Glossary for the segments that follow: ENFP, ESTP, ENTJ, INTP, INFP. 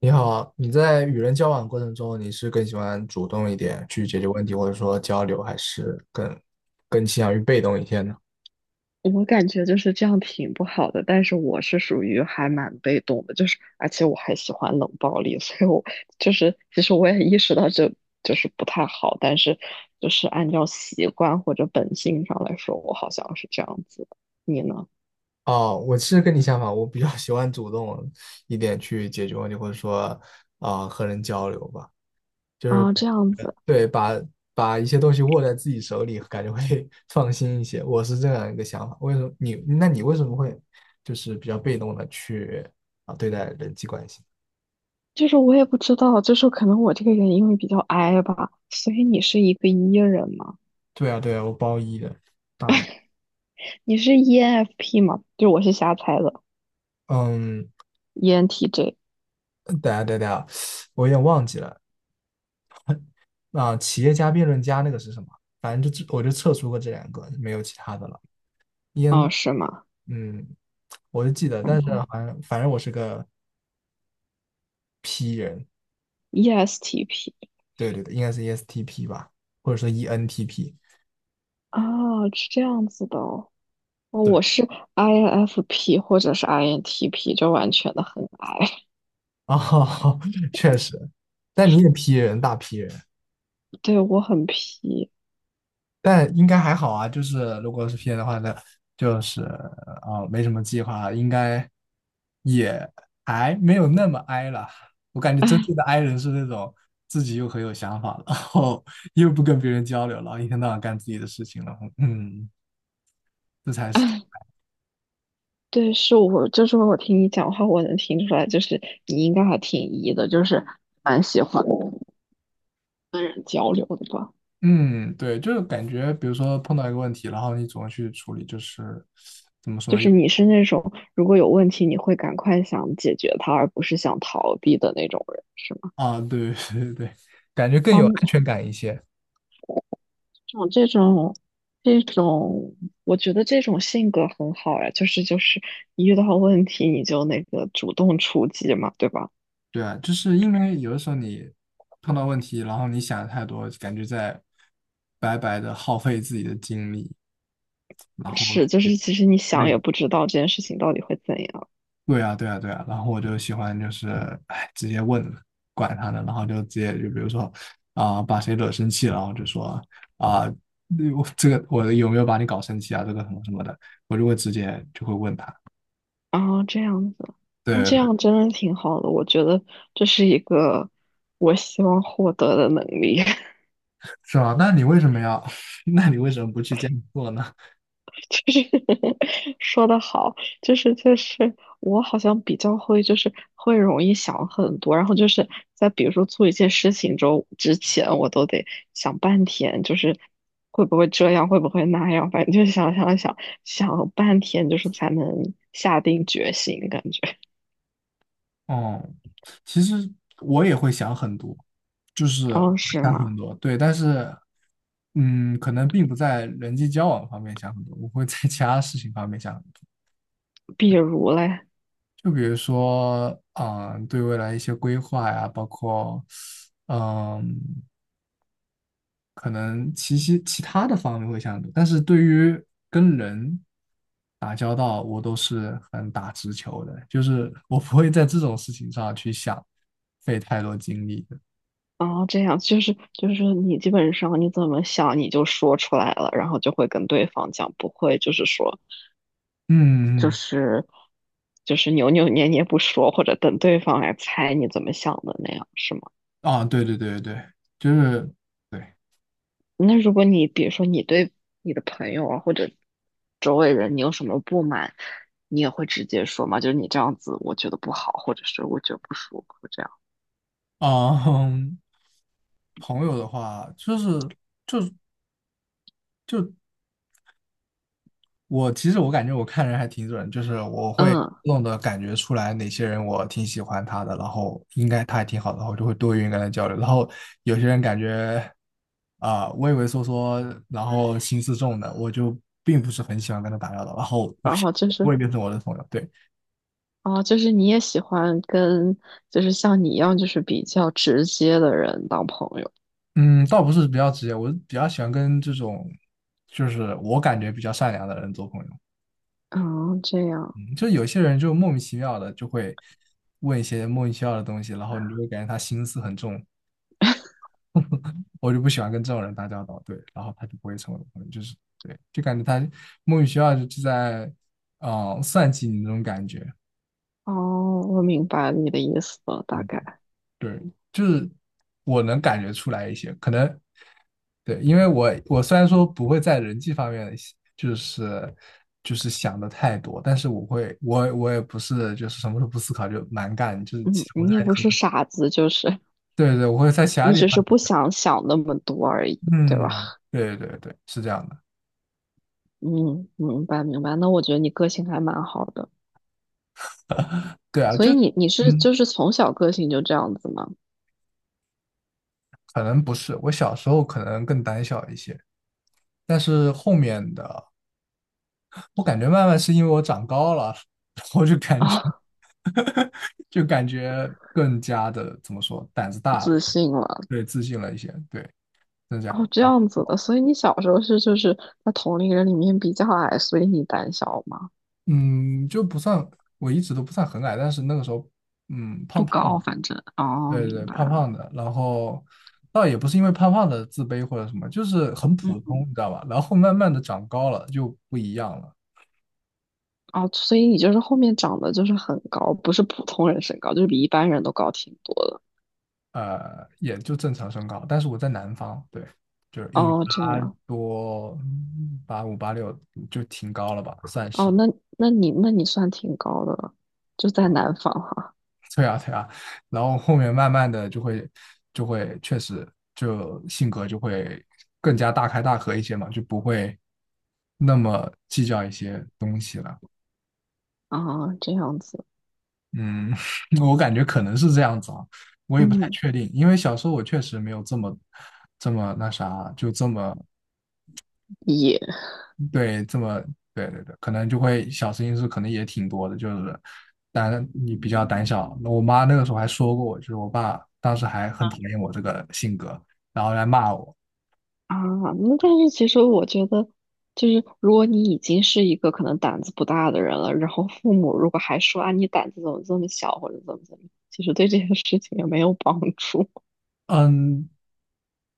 你好啊你在与人交往过程中，你是更喜欢主动一点去解决问题，或者说交流，还是更倾向于被动一些呢？我感觉就是这样挺不好的，但是我是属于还蛮被动的，就是而且我还喜欢冷暴力，所以我就是其实我也意识到这就是不太好，但是就是按照习惯或者本性上来说，我好像是这样子的。你呢？哦，我是跟你相反，我比较喜欢主动一点去解决问题，或者说和人交流吧。啊，这样子，对，把一些东西握在自己手里，感觉会 放心一些。我是这样一个想法。为什么你？那你为什么会就是比较被动的去对待人际关系？就是我也不知道，就是可能我这个人因为比较 I 吧，所以你是一个 E 人吗？对啊，对啊，我包一的，大一。你是 ENFP 吗？就我是瞎猜的嗯。，ENTJ。 等下等下，我有点忘记了。啊，企业家、辩论家那个是什么？反正就只我就测出过这两个，没有其他的了。啊，EN，是吗？嗯，我就记得，嗯， 但是好像反正我是个，ESTP。对对对，应该是 ESTP 吧，或者说 ENTP。啊，是这样子的哦。哦，我是 INFP 或者是 INTP，就完全的很 I。哦，确实，但你也 P 人，大 P 人。对，我很 P。但应该还好啊，就是如果是 P N 的话呢，就是没什么计划，应该也还没有那么 I 了。我感觉真正的 I 人是那种自己又很有想法，然后 又不跟别人交流了，然后一天到晚干自己的事情了。嗯，这才是。对，是我，就是我听你讲话，我能听出来，就是你应该还挺 E 的，就是蛮喜欢跟人交流的吧。嗯，对，就是感觉比如说碰到一个问题，然后你怎么去处理，就是怎么就说又是你是那种如果有问题，你会赶快想解决它，而不是想逃避的那种人，是吗？对 对对，感觉更有安哇，全感一些。种这种这种，我觉得这种性格很好呀，就是一遇到问题你就那个主动出击嘛，对吧？对啊，就是因为有的时候你碰到问题，然后你想的太多，感觉在白白的耗费自己的精力，然后是，就去是其实你想累。也不知道这件事情到底会怎样。对啊，对啊，对啊。然后我就喜欢就是，哎，直接问了，管他呢，然后就直接就比如说把谁惹生气了，然后就说啊、那我这个我有没有把你搞生气啊？这个什么什么的，我就会直接就会问他。啊，这样子，对那这对对。样真的挺好的，我觉得这是一个我希望获得的能力。是吧？那你为什么要？那你为什么不去这样做呢？就是说的好，就是我好像比较会，就是会容易想很多，然后就是在比如说做一件事情之前，我都得想半天，就是会不会这样，会不会那样，反正就想想半天，就是才能下定决心，感觉。哦，其实我也会想很多，就是我然会后是想吗？很多，对，但是，可能并不在人际交往方面想很多，我会在其他事情方面想很多，比如嘞。就比如说，对未来一些规划呀，包括，嗯，可能其他的方面会想很多，但是对于跟人打交道，我都是很打直球的，就是我不会在这种事情上去想费太多精力。然后这样就是你基本上你怎么想你就说出来了，然后就会跟对方讲，不会就是说，嗯嗯就嗯。是就是扭扭捏捏不说，或者等对方来猜你怎么想的那样，是吗？啊，对对对对，就是对那如果你比如说你对你的朋友啊或者周围人你有什么不满，你也会直接说吗？就是你这样子我觉得不好，或者是我觉得不舒服这样。啊。嗯朋友的话，就是我其实感觉我看人还挺准，就是我会嗯，弄动的感觉出来哪些人我挺喜欢他的，然后应该他还挺好的，然后就会多愿意跟他交流。然后有些人感觉畏畏缩缩，然后心思重的，我就并不是很喜欢跟他打交道，然后我 然后就 我是也变成我的朋友，对。啊，就是你也喜欢跟就是像你一样就是比较直接的人当朋友。嗯，倒不是比较直接，我比较喜欢跟这种，就是我感觉比较善良的人做朋友。啊，这样。嗯，就有些人就莫名其妙的就会问一些莫名其妙的东西，然后你就会感觉他心思很重，我就不喜欢跟这种人打交道。对，然后他就不会成为我的朋友，就是对，就感觉他莫名其妙就在算计你那种感觉。哦，我明白你的意思了，大嗯，概。对，就是我能感觉出来一些，可能对，因为我虽然说不会在人际方面就是就是想的太多，但是我会我我也不是就是什么都不思考就蛮干，就是其嗯，实我你在也不很是多傻子，就是对对，我会在其他你地只是方，不想想那么多而已，对吧？嗯，对对对，是这样的，嗯，明白明白。那我觉得你个性还蛮好的，对啊，所就以你是嗯，就是从小个性就这样子吗？可能不是，我小时候可能更胆小一些，但是后面的我感觉慢慢是因为我长高了，我就感觉。啊，就感觉更加的怎么说，胆子大了，自信了，对，自信了一些，对，增加哦，这啊，样子的。所以你小时候是就是在同龄人里面比较矮，所以你胆小吗？嗯，就不算，我一直都不算很矮，但是那个时候，胖不胖高，的，反正。哦，对明对，胖白。胖的，然后倒也不是因为胖胖的自卑或者什么，就是很普嗯，通，你知道吧？然后慢慢的长高了就不一样了，哦，所以你就是后面长得就是很高，不是普通人身高，就是比一般人都高挺多的。也就正常身高，但是我在南方，对，就是一米哦，这八样。多，八五八六就挺高了吧，算哦，是。那那你算挺高的了，就在南方哈。对啊，对啊，然后后面慢慢的就会确实就性格就会更加大开大合一些嘛，就不会那么计较一些东西了。啊，这样子，嗯，我感觉可能是这样子啊，我也不太嗯，确定，因为小时候我确实没有这么那啥，就这么也对，这么对对对，可能就会小事情是可能也挺多的，就是但你比较胆小。那我妈那个时候还说过我，就是我爸当时还很讨厌我这个性格，然后来骂我。啊，那但是其实我觉得，就是如果你已经是一个可能胆子不大的人了，然后父母如果还说啊你胆子怎么这么小或者怎么怎么样，其实对这件事情也没有帮助。嗯，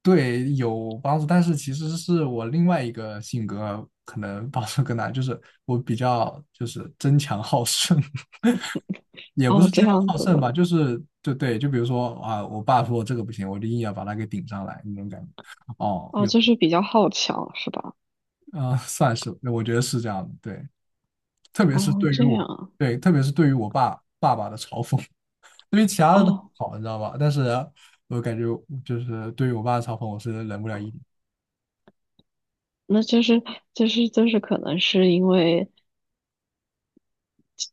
对，有帮助，但是其实是我另外一个性格可能帮助更大，就是我比较就是争强好胜。也不哦，是这争强样好子胜的，吧，就是就对，就比如说啊，我爸说这个不行，我就硬要把它给顶上来那种感觉。哦，哦，有。就是比较好强是吧？算是，我觉得是这样的，对，特别是哦，对于这我，样，对，特别是对于我爸爸的嘲讽，对于其他的都哦，好，你知道吧？但是我感觉就是对于我爸的嘲讽，我是忍不了一点。那就是可能是因为。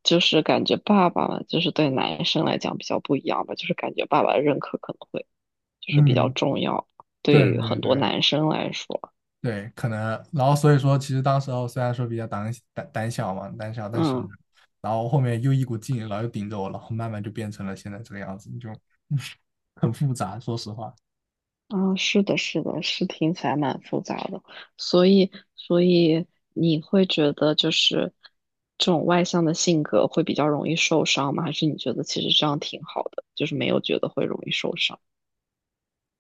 就是感觉爸爸嘛就是对男生来讲比较不一样吧，就是感觉爸爸的认可可能会就是比较嗯，重要，对对于很对对多男生来说，对，可能，然后所以说，其实当时候虽然说比较胆小嘛，胆小，但是嗯然后后面又一股劲，然后又顶着我，然后慢慢就变成了现在这个样子，就 很复杂，说实话。啊，是的，是的，是听起来蛮复杂的，所以你会觉得就是这种外向的性格会比较容易受伤吗？还是你觉得其实这样挺好的，就是没有觉得会容易受伤，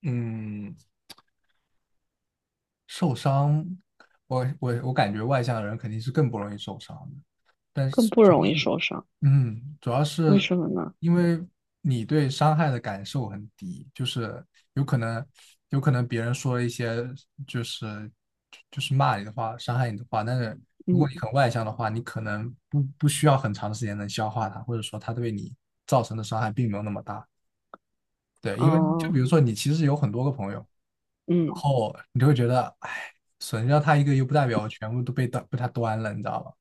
嗯，受伤，我感觉外向的人肯定是更不容易受伤的，但更是不主容要易是，受伤，嗯，主要为是什么呢？因为你对伤害的感受很低，就是有可能有可能别人说了一些就是就是骂你的话，伤害你的话，但是如果你嗯，很外向的话，你可能不需要很长的时间能消化它，或者说它对你造成的伤害并没有那么大。对，因为就哦，比如说你其实有很多个朋友。然嗯。后你就会觉得，哎，损掉他一个又不代表我全部都被他端了，你知道吧？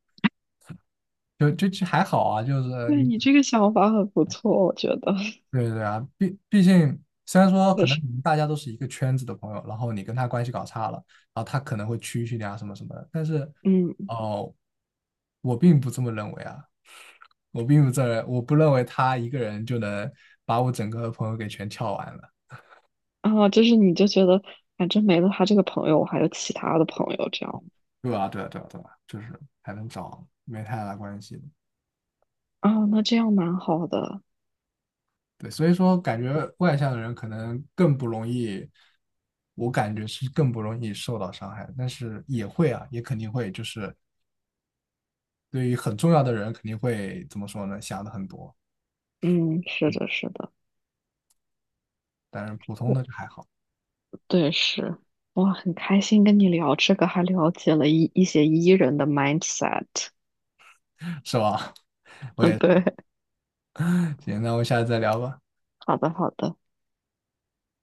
就还好啊，就是对你，你这个想法很不错，我觉得对对对啊，毕竟虽然说可就能是，你们大家都是一个圈子的朋友，然后你跟他关系搞差了，然后他可能会蛐蛐你啊什么什么的，但是嗯，哦，我并不这么认为啊，我不认为他一个人就能把我整个朋友给全撬完了，啊，就是你就觉得反正没了他这个朋友，我还有其他的朋友，这样对吧？对啊，对啊，对啊，就是还能找没太大关系的。啊，那这样蛮好的，对，所以说感觉外向的人可能更不容易，我感觉是更不容易受到伤害，但是也会啊，也肯定会，就是对于很重要的人肯定会怎么说呢，想的很多，嗯，是的，是的，但是普通我的就还好，对是，哇，很开心跟你聊这个，还了解了一些 E 人的 mindset，是吧？我嗯，也，对，行，那我们下次再聊吧。好的，好的。